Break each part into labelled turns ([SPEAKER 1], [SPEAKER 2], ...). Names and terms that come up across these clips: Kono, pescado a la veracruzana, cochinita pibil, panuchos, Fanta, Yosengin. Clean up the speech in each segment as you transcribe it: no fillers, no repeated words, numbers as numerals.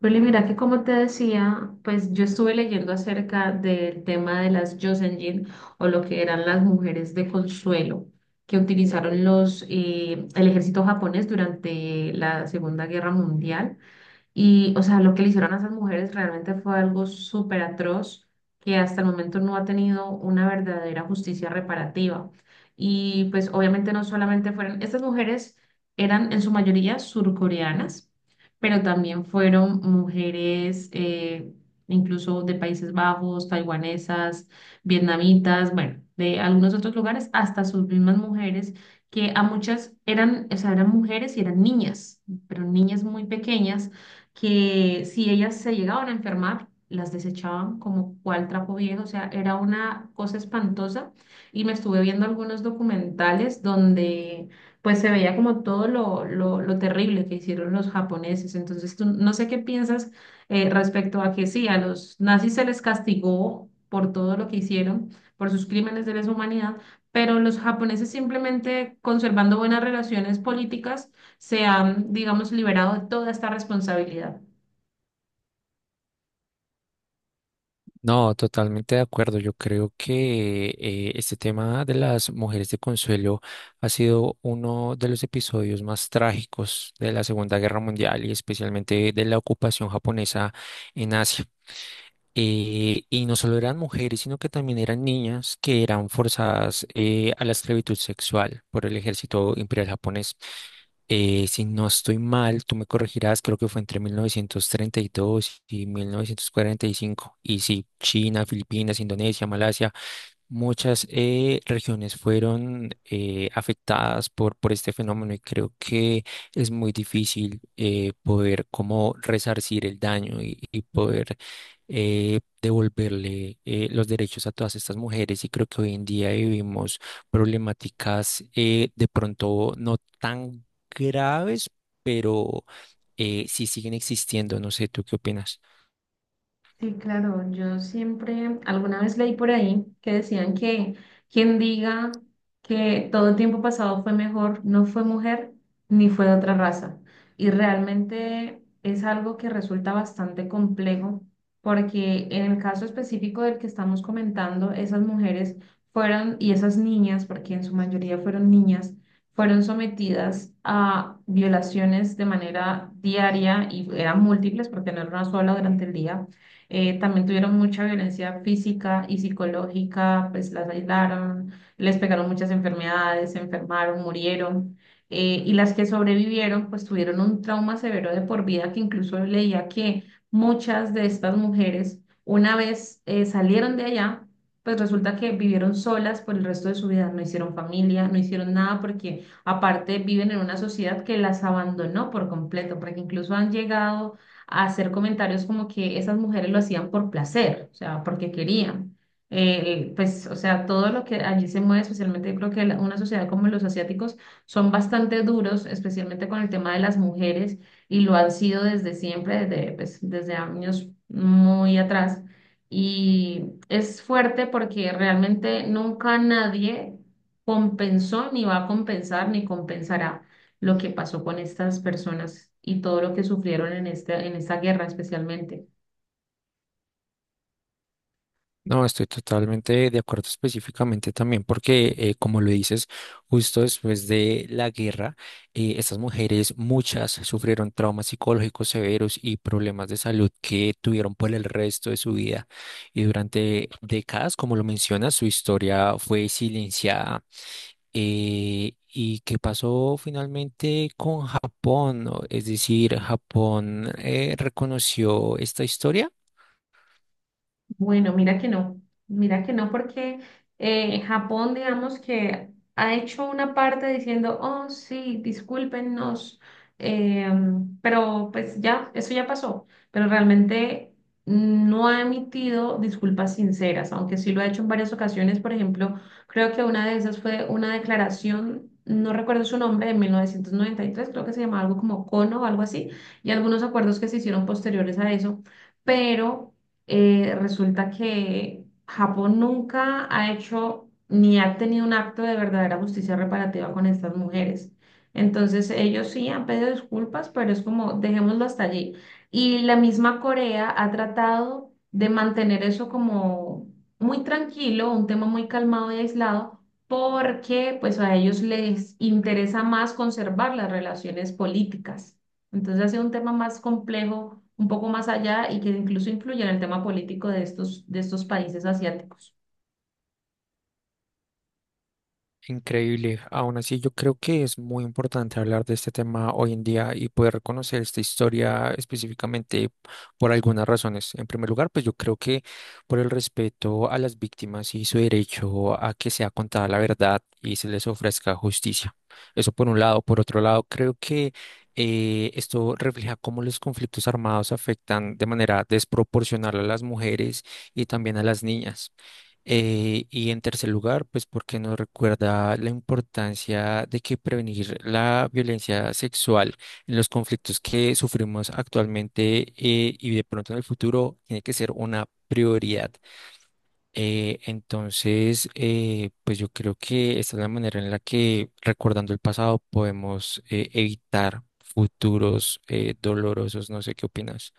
[SPEAKER 1] Bueno, mira que como te decía, pues yo estuve leyendo acerca del tema de las Yosengin o lo que eran las mujeres de consuelo que utilizaron el ejército japonés durante la Segunda Guerra Mundial. Y, o sea, lo que le hicieron a esas mujeres realmente fue algo súper atroz que hasta el momento no ha tenido una verdadera justicia reparativa. Y pues obviamente no solamente estas mujeres eran en su mayoría surcoreanas, pero también fueron mujeres incluso de Países Bajos, taiwanesas, vietnamitas, bueno, de algunos otros lugares, hasta sus mismas mujeres, que a muchas eran, o sea, eran mujeres y eran niñas, pero niñas muy pequeñas que si ellas se llegaban a enfermar, las desechaban como cual trapo viejo, o sea, era una cosa espantosa. Y me estuve viendo algunos documentales donde pues se veía como todo lo terrible que hicieron los japoneses. Entonces, tú, no sé qué piensas respecto a que sí, a los nazis se les castigó por todo lo que hicieron, por sus crímenes de lesa humanidad, pero los japoneses simplemente conservando buenas relaciones políticas se han, digamos, liberado de toda esta responsabilidad.
[SPEAKER 2] No, totalmente de acuerdo. Yo creo que este tema de las mujeres de consuelo ha sido uno de los episodios más trágicos de la Segunda Guerra Mundial y especialmente de la ocupación japonesa en Asia. Y no solo eran mujeres, sino que también eran niñas que eran forzadas a la esclavitud sexual por el ejército imperial japonés. Si no estoy mal, tú me corregirás, creo que fue entre 1930 y 1945. Y 1945. Y sí, China, Filipinas, Indonesia, Malasia. Muchas regiones fueron afectadas por este fenómeno y creo que es muy difícil poder como resarcir el daño y poder devolverle los derechos a todas estas mujeres, y creo que hoy en día vivimos problemáticas de pronto no tan graves, pero sí siguen existiendo. No sé, ¿tú qué opinas?
[SPEAKER 1] Sí, claro, yo siempre, alguna vez leí por ahí que decían que quien diga que todo el tiempo pasado fue mejor, no fue mujer ni fue de otra raza. Y realmente es algo que resulta bastante complejo porque en el caso específico del que estamos comentando, esas mujeres fueron, y esas niñas, porque en su mayoría fueron niñas, fueron sometidas a violaciones de manera diaria y eran múltiples porque no era una sola durante el día también tuvieron mucha violencia física y psicológica, pues las aislaron, les pegaron muchas enfermedades, se enfermaron, murieron. Y las que sobrevivieron, pues tuvieron un trauma severo de por vida que incluso leía que muchas de estas mujeres, una vez salieron de allá, pues resulta que vivieron solas por el resto de su vida, no hicieron familia, no hicieron nada porque aparte viven en una sociedad que las abandonó por completo, porque incluso han llegado a hacer comentarios como que esas mujeres lo hacían por placer, o sea, porque querían. Pues, o sea, todo lo que allí se mueve, especialmente yo creo que una sociedad como los asiáticos son bastante duros, especialmente con el tema de las mujeres, y lo han sido desde siempre, desde, pues, desde años muy atrás. Y es fuerte porque realmente nunca nadie compensó, ni va a compensar, ni compensará lo que pasó con estas personas y todo lo que sufrieron en en esta guerra especialmente.
[SPEAKER 2] No, estoy totalmente de acuerdo específicamente también porque, como lo dices, justo después de la guerra, estas mujeres, muchas, sufrieron traumas psicológicos severos y problemas de salud que tuvieron por el resto de su vida. Y durante décadas, como lo mencionas, su historia fue silenciada. ¿Y qué pasó finalmente con Japón? Es decir, Japón reconoció esta historia.
[SPEAKER 1] Bueno, mira que no, porque Japón, digamos que ha hecho una parte diciendo, oh, sí, discúlpenos, eh, pero pues ya, eso ya pasó, pero realmente no ha emitido disculpas sinceras, aunque sí lo ha hecho en varias ocasiones, por ejemplo, creo que una de esas fue una declaración, no recuerdo su nombre, de 1993, creo que se llamaba algo como Kono o algo así, y algunos acuerdos que se hicieron posteriores a eso pero resulta que Japón nunca ha hecho ni ha tenido un acto de verdadera justicia reparativa con estas mujeres. Entonces ellos sí han pedido disculpas, pero es como dejémoslo hasta allí. Y la misma Corea ha tratado de mantener eso como muy tranquilo, un tema muy calmado y aislado, porque pues a ellos les interesa más conservar las relaciones políticas. Entonces ha sido un tema más complejo, un poco más allá y que incluso influye en el tema político de de estos países asiáticos.
[SPEAKER 2] Increíble. Aún así, yo creo que es muy importante hablar de este tema hoy en día y poder conocer esta historia específicamente por algunas razones. En primer lugar, pues yo creo que por el respeto a las víctimas y su derecho a que sea contada la verdad y se les ofrezca justicia. Eso por un lado. Por otro lado, creo que esto refleja cómo los conflictos armados afectan de manera desproporcional a las mujeres y también a las niñas. Y en tercer lugar, pues porque nos recuerda la importancia de que prevenir la violencia sexual en los conflictos que sufrimos actualmente y de pronto en el futuro tiene que ser una prioridad. Entonces, pues yo creo que esta es la manera en la que recordando el pasado podemos evitar futuros dolorosos. No sé qué opinas.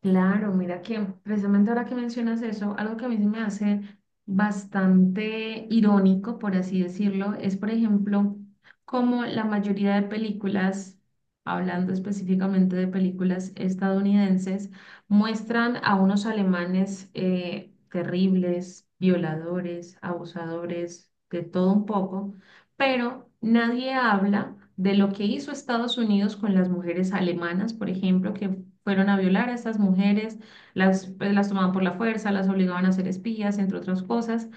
[SPEAKER 1] Claro, mira que precisamente ahora que mencionas eso, algo que a mí se me hace bastante irónico, por así decirlo, es por ejemplo como la mayoría de películas, hablando específicamente de películas estadounidenses, muestran a unos alemanes terribles, violadores, abusadores, de todo un poco, pero nadie habla de lo que hizo Estados Unidos con las mujeres alemanas, por ejemplo, que fueron a violar a estas mujeres, las, pues, las tomaban por la fuerza, las obligaban a ser espías, entre otras cosas.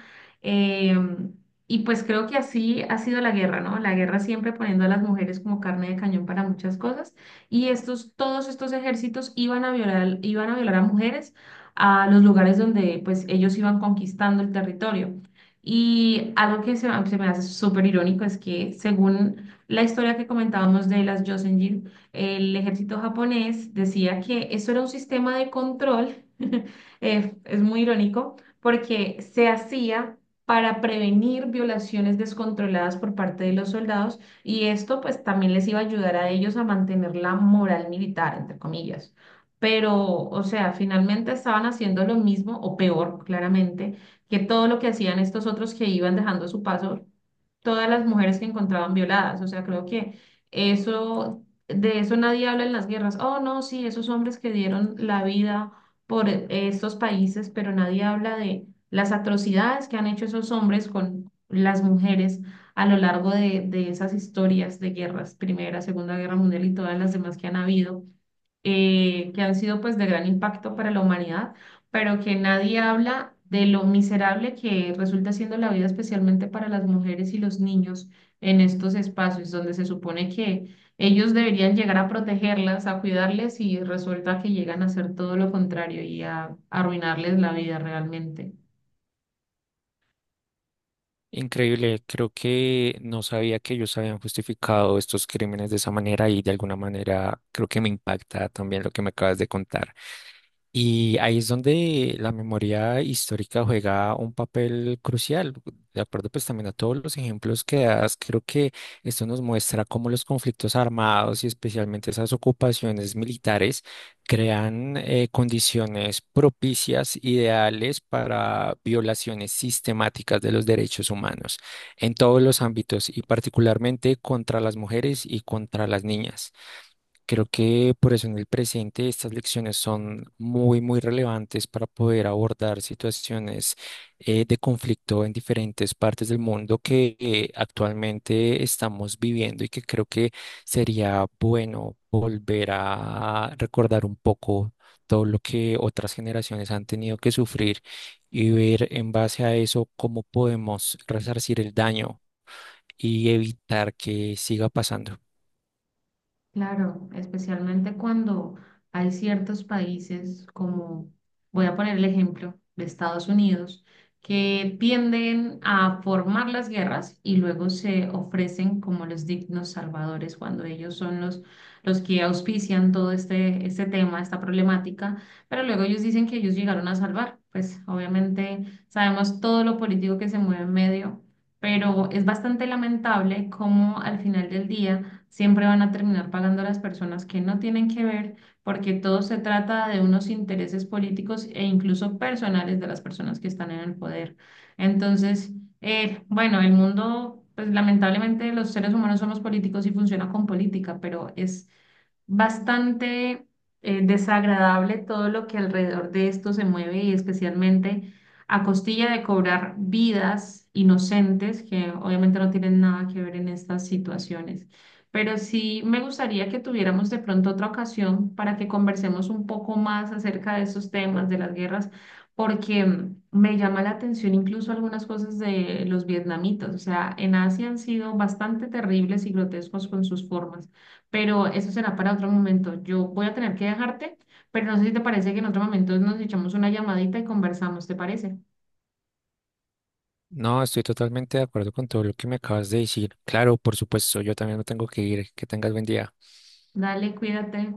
[SPEAKER 1] Em, y pues creo que así ha sido la guerra, ¿no? La guerra siempre poniendo a las mujeres como carne de cañón para muchas cosas. Y estos, todos estos ejércitos iban a violar a mujeres a los lugares donde pues ellos iban conquistando el territorio. Y algo que se me hace súper irónico es que según la historia que comentábamos de las Jocelyn el ejército japonés decía que eso era un sistema de control, es muy irónico, porque se hacía para prevenir violaciones descontroladas por parte de los soldados y esto pues también les iba a ayudar a ellos a mantener la moral militar, entre comillas. Pero, o sea, finalmente estaban haciendo lo mismo o peor, claramente, que todo lo que hacían estos otros que iban dejando a su paso todas las mujeres que encontraban violadas. O sea, creo que eso de eso nadie habla en las guerras. Oh, no, sí, esos hombres que dieron la vida por estos países, pero nadie habla de las atrocidades que han hecho esos hombres con las mujeres a lo largo de esas historias de guerras, Primera, Segunda Guerra Mundial y todas las demás que han habido que han sido pues de gran impacto para la humanidad, pero que nadie habla de lo miserable que resulta siendo la vida, especialmente para las mujeres y los niños en estos espacios donde se supone que ellos deberían llegar a protegerlas, a cuidarles y resulta que llegan a hacer todo lo contrario y a arruinarles la vida realmente.
[SPEAKER 2] Increíble, creo que no sabía que ellos habían justificado estos crímenes de esa manera, y de alguna manera creo que me impacta también lo que me acabas de contar. Y ahí es donde la memoria histórica juega un papel crucial. De acuerdo, pues también a todos los ejemplos que das, creo que esto nos muestra cómo los conflictos armados y especialmente esas ocupaciones militares crean condiciones propicias, ideales para violaciones sistemáticas de los derechos humanos en todos los ámbitos y particularmente contra las mujeres y contra las niñas. Creo que por eso en el presente estas lecciones son muy, muy relevantes para poder abordar situaciones de conflicto en diferentes partes del mundo que actualmente estamos viviendo, y que creo que sería bueno volver a recordar un poco todo lo que otras generaciones han tenido que sufrir y ver en base a eso cómo podemos resarcir el daño y evitar que siga pasando.
[SPEAKER 1] Claro, especialmente cuando hay ciertos países como, voy a poner el ejemplo de Estados Unidos, que tienden a formar las guerras y luego se ofrecen como los dignos salvadores cuando ellos son los que auspician todo este, este tema, esta problemática, pero luego ellos dicen que ellos llegaron a salvar. Pues obviamente sabemos todo lo político que se mueve en medio, pero es bastante lamentable cómo al final del día siempre van a terminar pagando a las personas que no tienen que ver, porque todo se trata de unos intereses políticos e incluso personales de las personas que están en el poder. Entonces, bueno, el mundo, pues lamentablemente los seres humanos somos políticos y funciona con política, pero es bastante desagradable todo lo que alrededor de esto se mueve y especialmente a costilla de cobrar vidas inocentes que obviamente no tienen nada que ver en estas situaciones pero sí me gustaría que tuviéramos de pronto otra ocasión para que conversemos un poco más acerca de esos temas, de las guerras, porque me llama la atención incluso algunas cosas de los vietnamitas. O sea, en Asia han sido bastante terribles y grotescos con sus formas, pero eso será para otro momento. Yo voy a tener que dejarte, pero no sé si te parece que en otro momento nos echamos una llamadita y conversamos, ¿te parece?
[SPEAKER 2] No, estoy totalmente de acuerdo con todo lo que me acabas de decir. Claro, por supuesto, yo también me tengo que ir. Que tengas buen día.
[SPEAKER 1] Dale, cuídate.